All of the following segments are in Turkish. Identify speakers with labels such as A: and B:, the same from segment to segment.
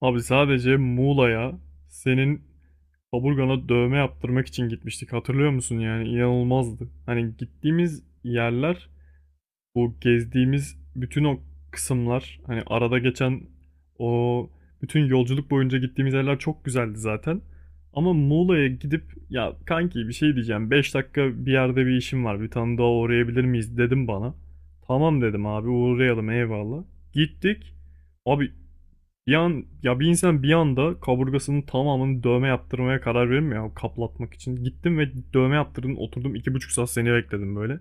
A: Abi sadece Muğla'ya senin kaburgana dövme yaptırmak için gitmiştik. Hatırlıyor musun yani? İnanılmazdı. Hani gittiğimiz yerler, bu gezdiğimiz bütün o kısımlar, hani arada geçen o bütün yolculuk boyunca gittiğimiz yerler çok güzeldi zaten. Ama Muğla'ya gidip ya kanki bir şey diyeceğim. Beş dakika bir yerde bir işim var. Bir tane daha uğrayabilir miyiz dedim bana. Tamam dedim abi uğrayalım, eyvallah. Gittik. Abi bir an, ya bir insan bir anda kaburgasının tamamını dövme yaptırmaya karar verir mi ya, kaplatmak için? Gittim ve dövme yaptırdım, oturdum iki buçuk saat seni bekledim böyle.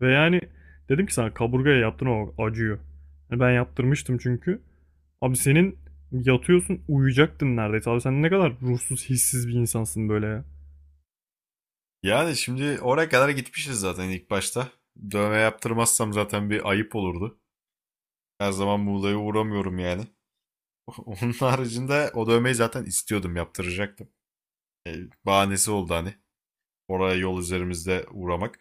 A: Ve yani dedim ki sana kaburgaya yaptırma bak, acıyor. Yani ben yaptırmıştım çünkü. Abi senin yatıyorsun, uyuyacaktın neredeyse. Abi sen ne kadar ruhsuz, hissiz bir insansın böyle ya.
B: Yani şimdi oraya kadar gitmişiz zaten ilk başta. Dövme yaptırmazsam zaten bir ayıp olurdu. Her zaman Muğla'ya uğramıyorum yani. Onun haricinde o dövmeyi zaten istiyordum, yaptıracaktım. E, bahanesi oldu hani. Oraya yol üzerimizde uğramak.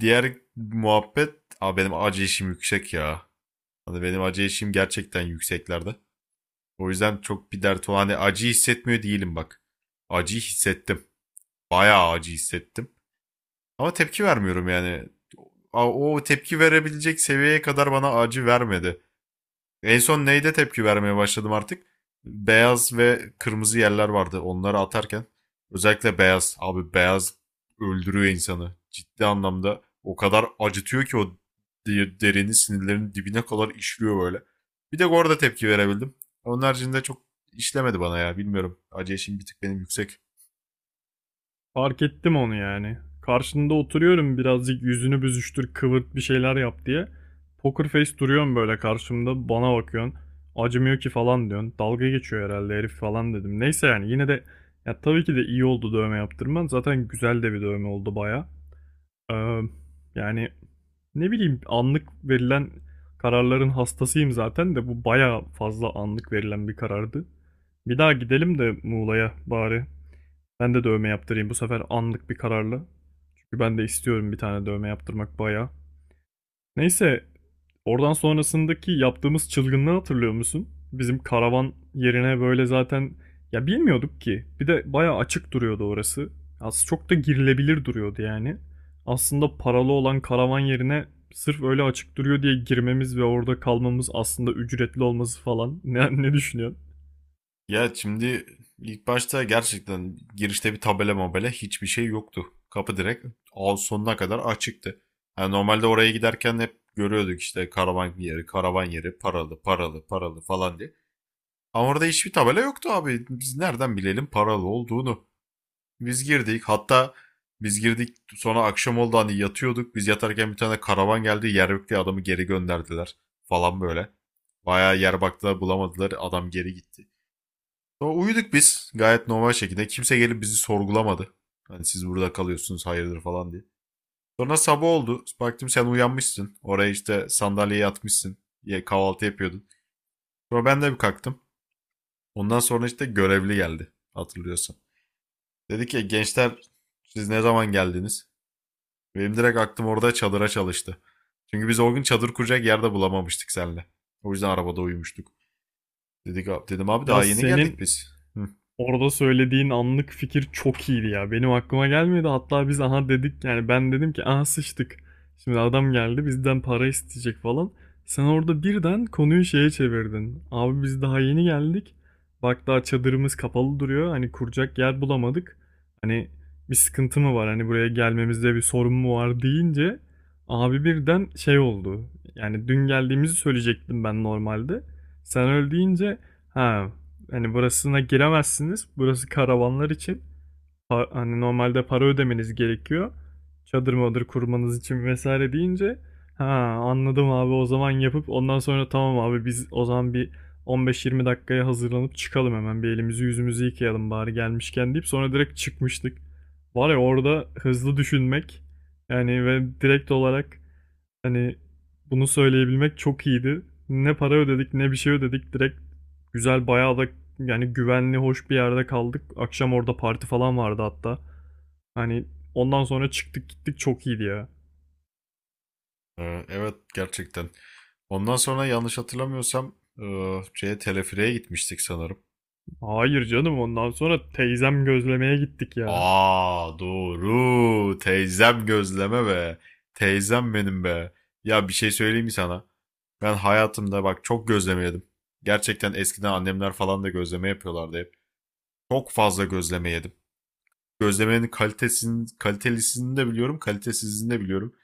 B: Diğer muhabbet, aa, benim acı işim yüksek ya. Hani benim acı işim gerçekten yükseklerde. O yüzden çok bir dert olan hani acı hissetmiyor değilim bak. Acı hissettim. Bayağı acı hissettim. Ama tepki vermiyorum yani. O tepki verebilecek seviyeye kadar bana acı vermedi. En son neyde tepki vermeye başladım artık? Beyaz ve kırmızı yerler vardı onları atarken. Özellikle beyaz. Abi beyaz öldürüyor insanı. Ciddi anlamda o kadar acıtıyor ki o derini sinirlerin dibine kadar işliyor böyle. Bir de orada tepki verebildim. Onun haricinde çok işlemedi bana ya bilmiyorum. Acı eşiğim bir tık benim yüksek.
A: Fark ettim onu yani. Karşında oturuyorum, birazcık yüzünü büzüştür, kıvırt, bir şeyler yap diye. Poker face duruyorsun böyle karşımda, bana bakıyorsun. Acımıyor ki falan diyorsun. Dalga geçiyor herhalde herif falan dedim. Neyse, yani yine de ya tabii ki de iyi oldu dövme yaptırman. Zaten güzel de bir dövme oldu baya. Ee, yani ne bileyim, anlık verilen kararların hastasıyım zaten de bu baya fazla anlık verilen bir karardı. Bir daha gidelim de Muğla'ya bari. Ben de dövme yaptırayım bu sefer, anlık bir kararla. Çünkü ben de istiyorum bir tane dövme yaptırmak bayağı. Neyse, oradan sonrasındaki yaptığımız çılgınlığı hatırlıyor musun? Bizim karavan yerine böyle zaten ya bilmiyorduk ki. Bir de bayağı açık duruyordu orası. Aslında çok da girilebilir duruyordu yani. Aslında paralı olan karavan yerine sırf öyle açık duruyor diye girmemiz ve orada kalmamız, aslında ücretli olması falan. Ne düşünüyorsun?
B: Ya şimdi ilk başta gerçekten girişte bir tabela mabela hiçbir şey yoktu. Kapı direkt ağ sonuna kadar açıktı. Yani normalde oraya giderken hep görüyorduk işte karavan yeri, karavan yeri, paralı, paralı, paralı falan diye. Ama orada hiçbir tabela yoktu abi. Biz nereden bilelim paralı olduğunu? Biz girdik. Hatta biz girdik sonra akşam oldu hani yatıyorduk. Biz yatarken bir tane karavan geldi. Yer yok diye adamı geri gönderdiler falan böyle. Bayağı yer baktılar bulamadılar. Adam geri gitti. Sonra uyuduk biz gayet normal şekilde. Kimse gelip bizi sorgulamadı. Hani siz burada kalıyorsunuz hayırdır falan diye. Sonra sabah oldu. Baktım sen uyanmışsın. Oraya işte sandalyeye yatmışsın. Kahvaltı yapıyordun. Sonra ben de bir kalktım. Ondan sonra işte görevli geldi. Hatırlıyorsan. Dedi ki gençler siz ne zaman geldiniz? Benim direkt aklım orada çadıra çalıştı. Çünkü biz o gün çadır kuracak yerde bulamamıştık seninle. O yüzden arabada uyumuştuk. Dedim abi
A: Ya
B: daha yeni
A: senin
B: geldik biz. Hı.
A: orada söylediğin anlık fikir çok iyiydi ya. Benim aklıma gelmedi. Hatta biz aha dedik, yani ben dedim ki aha sıçtık. Şimdi adam geldi bizden para isteyecek falan. Sen orada birden konuyu şeye çevirdin. Abi biz daha yeni geldik. Bak daha çadırımız kapalı duruyor. Hani kuracak yer bulamadık. Hani bir sıkıntı mı var? Hani buraya gelmemizde bir sorun mu var deyince abi birden şey oldu. Yani dün geldiğimizi söyleyecektim ben normalde. Sen öyle deyince, ha, hani burasına giremezsiniz. Burası karavanlar için. Hani normalde para ödemeniz gerekiyor. Çadır madır kurmanız için vesaire deyince, ha, anladım abi, o zaman yapıp ondan sonra tamam abi biz o zaman bir 15-20 dakikaya hazırlanıp çıkalım, hemen bir elimizi yüzümüzü yıkayalım bari gelmişken deyip sonra direkt çıkmıştık. Var ya, orada hızlı düşünmek yani ve direkt olarak hani bunu söyleyebilmek çok iyiydi. Ne para ödedik ne bir şey ödedik. Direkt güzel, bayağı da yani güvenli, hoş bir yerde kaldık. Akşam orada parti falan vardı hatta. Hani ondan sonra çıktık gittik, çok iyiydi ya.
B: Evet gerçekten. Ondan sonra yanlış hatırlamıyorsam e, şeye telefireye gitmiştik sanırım.
A: Hayır canım, ondan sonra teyzem gözlemeye gittik ya.
B: Aa doğru. Teyzem gözleme be. Teyzem benim be. Ya bir şey söyleyeyim mi sana? Ben hayatımda bak çok gözleme yedim. Gerçekten eskiden annemler falan da gözleme yapıyorlardı hep. Çok fazla gözleme yedim. Gözlemenin kalitesini, kalitelisini de biliyorum, kalitesizini de biliyorum.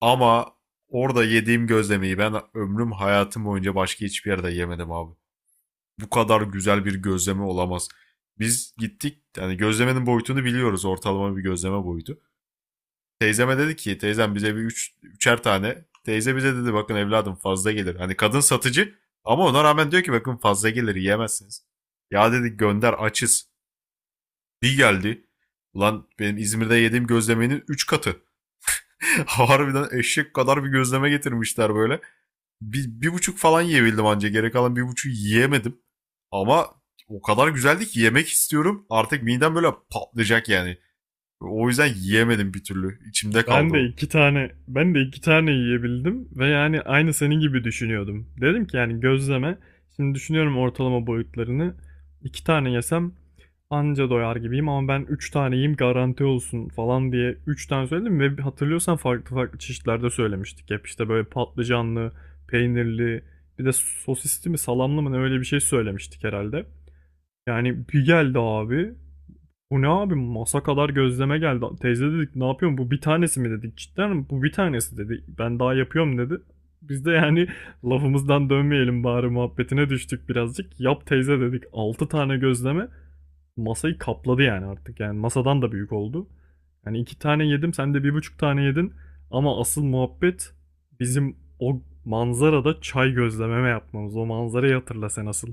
B: Ama orada yediğim gözlemeyi ben ömrüm hayatım boyunca başka hiçbir yerde yemedim abi. Bu kadar güzel bir gözleme olamaz. Biz gittik yani gözlemenin boyutunu biliyoruz ortalama bir gözleme boyutu. Teyzeme dedi ki teyzem bize üçer tane. Teyze bize dedi bakın evladım fazla gelir. Hani kadın satıcı ama ona rağmen diyor ki bakın fazla gelir yiyemezsiniz. Ya dedi gönder açız. Bir geldi. Ulan benim İzmir'de yediğim gözlemenin 3 katı. Harbiden eşek kadar bir gözleme getirmişler böyle. Bir, bir buçuk falan yiyebildim anca. Geri kalan bir buçuk yiyemedim. Ama o kadar güzeldi ki yemek istiyorum. Artık midem böyle patlayacak yani. O yüzden yiyemedim bir türlü. İçimde
A: Ben
B: kaldı
A: de
B: o.
A: iki tane ben de iki tane yiyebildim ve yani aynı senin gibi düşünüyordum. Dedim ki yani gözleme. Şimdi düşünüyorum ortalama boyutlarını. İki tane yesem anca doyar gibiyim ama ben üç tane yiyeyim garanti olsun falan diye üç tane söyledim ve hatırlıyorsan farklı farklı çeşitlerde söylemiştik. Hep işte böyle patlıcanlı, peynirli, bir de sosisli mi salamlı mı ne öyle bir şey söylemiştik herhalde. Yani bir geldi abi. Bu ne abi, masa kadar gözleme geldi. Teyze dedik ne yapıyorsun, bu bir tanesi mi dedik. Cidden mi? Bu bir tanesi dedi. Ben daha yapıyorum dedi. Biz de yani lafımızdan dönmeyelim bari muhabbetine düştük birazcık. Yap teyze dedik, 6 tane gözleme masayı kapladı yani artık. Yani masadan da büyük oldu. Yani 2 tane yedim, sen de bir buçuk tane yedin. Ama asıl muhabbet bizim o manzarada çay, gözlememe yapmamız. O manzarayı hatırla sen asıl.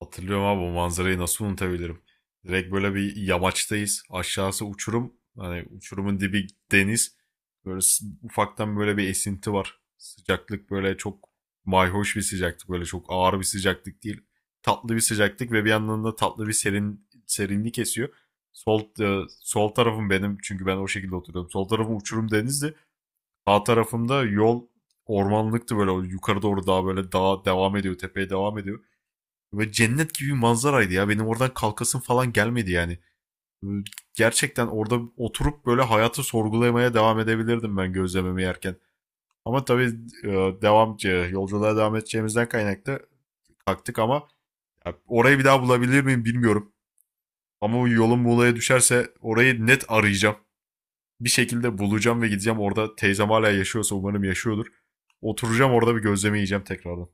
B: Hatırlıyorum abi bu manzarayı nasıl unutabilirim. Direkt böyle bir yamaçtayız. Aşağısı uçurum. Hani uçurumun dibi deniz. Böyle ufaktan böyle bir esinti var. Sıcaklık böyle çok mayhoş bir sıcaklık. Böyle çok ağır bir sıcaklık değil. Tatlı bir sıcaklık ve bir yandan da tatlı bir serin serinlik esiyor. Sol tarafım benim çünkü ben o şekilde oturuyorum. Sol tarafım uçurum denizdi. Sağ tarafımda yol ormanlıktı böyle yukarı doğru daha böyle dağa devam ediyor, tepeye devam ediyor. Böyle cennet gibi bir manzaraydı ya. Benim oradan kalkasım falan gelmedi yani. Gerçekten orada oturup böyle hayatı sorgulamaya devam edebilirdim ben gözlememi yerken. Ama tabii e, yolculuğa devam edeceğimizden kaynaklı kalktık ama ya, orayı bir daha bulabilir miyim bilmiyorum. Ama o yolum Muğla'ya düşerse orayı net arayacağım. Bir şekilde bulacağım ve gideceğim orada. Teyzem hala yaşıyorsa umarım yaşıyordur. Oturacağım orada bir gözleme yiyeceğim tekrardan.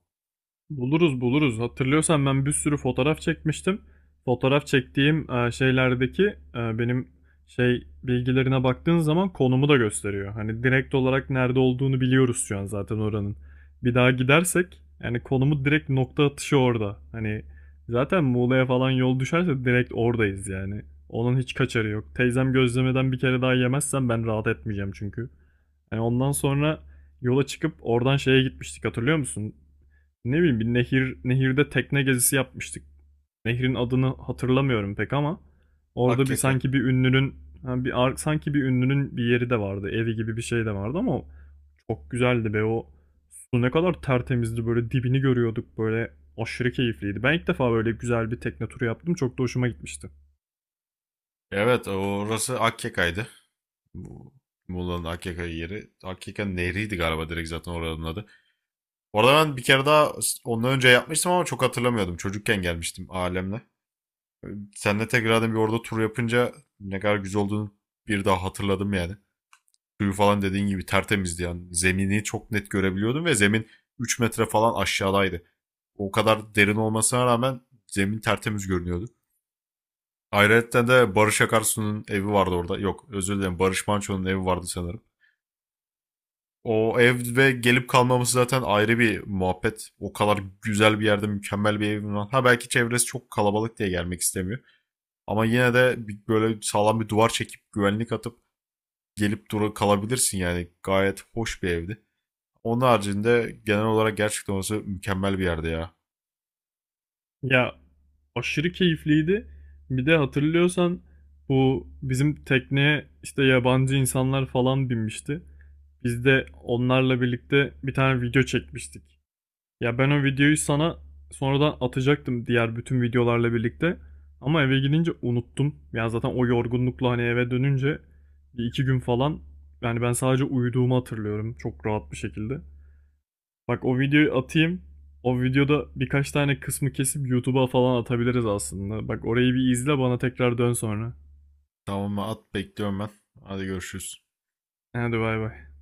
A: Buluruz buluruz. Hatırlıyorsan ben bir sürü fotoğraf çekmiştim. Fotoğraf çektiğim şeylerdeki benim şey bilgilerine baktığın zaman konumu da gösteriyor. Hani direkt olarak nerede olduğunu biliyoruz şu an zaten oranın. Bir daha gidersek yani konumu direkt nokta atışı orada. Hani zaten Muğla'ya falan yol düşerse direkt oradayız yani. Onun hiç kaçarı yok. Teyzem gözlemeden bir kere daha yemezsem ben rahat etmeyeceğim çünkü. Yani ondan sonra yola çıkıp oradan şeye gitmiştik, hatırlıyor musun? Ne bileyim, bir nehir, nehirde tekne gezisi yapmıştık. Nehrin adını hatırlamıyorum pek ama orada bir
B: Akyaka.
A: sanki bir ünlünün, ha, sanki bir ünlünün bir yeri de vardı. Evi gibi bir şey de vardı ama çok güzeldi be, o su ne kadar tertemizdi böyle, dibini görüyorduk böyle, aşırı keyifliydi. Ben ilk defa böyle güzel bir tekne turu yaptım. Çok da hoşuma gitmişti.
B: Evet orası Akyaka'ydı. Bu- Muğla'nın Akyaka yeri. Akyaka nehriydi galiba direkt zaten oranın adı. Orada ben bir kere daha ondan önce yapmıştım ama çok hatırlamıyordum. Çocukken gelmiştim ailemle. Seninle tekrardan bir orada tur yapınca ne kadar güzel olduğunu bir daha hatırladım yani. Suyu falan dediğin gibi tertemizdi yani. Zemini çok net görebiliyordum ve zemin 3 metre falan aşağıdaydı. O kadar derin olmasına rağmen zemin tertemiz görünüyordu. Ayrıca de Barış Akarsu'nun evi vardı orada. Yok özür dilerim Barış Manço'nun evi vardı sanırım. O ev ve gelip kalmaması zaten ayrı bir muhabbet. O kadar güzel bir yerde mükemmel bir evim var. Ha belki çevresi çok kalabalık diye gelmek istemiyor. Ama yine de böyle sağlam bir duvar çekip güvenlik atıp gelip dura kalabilirsin yani. Gayet hoş bir evdi. Onun haricinde genel olarak gerçekten orası mükemmel bir yerde ya.
A: Ya, aşırı keyifliydi. Bir de hatırlıyorsan bu bizim tekneye işte yabancı insanlar falan binmişti. Biz de onlarla birlikte bir tane video çekmiştik. Ya ben o videoyu sana sonradan atacaktım diğer bütün videolarla birlikte. Ama eve gidince unuttum. Yani zaten o yorgunlukla hani eve dönünce bir iki gün falan, yani ben sadece uyuduğumu hatırlıyorum çok rahat bir şekilde. Bak, o videoyu atayım. O videoda birkaç tane kısmı kesip YouTube'a falan atabiliriz aslında. Bak orayı bir izle, bana tekrar dön sonra.
B: Tamam mı? At bekliyorum ben. Hadi görüşürüz.
A: Hadi bay bay.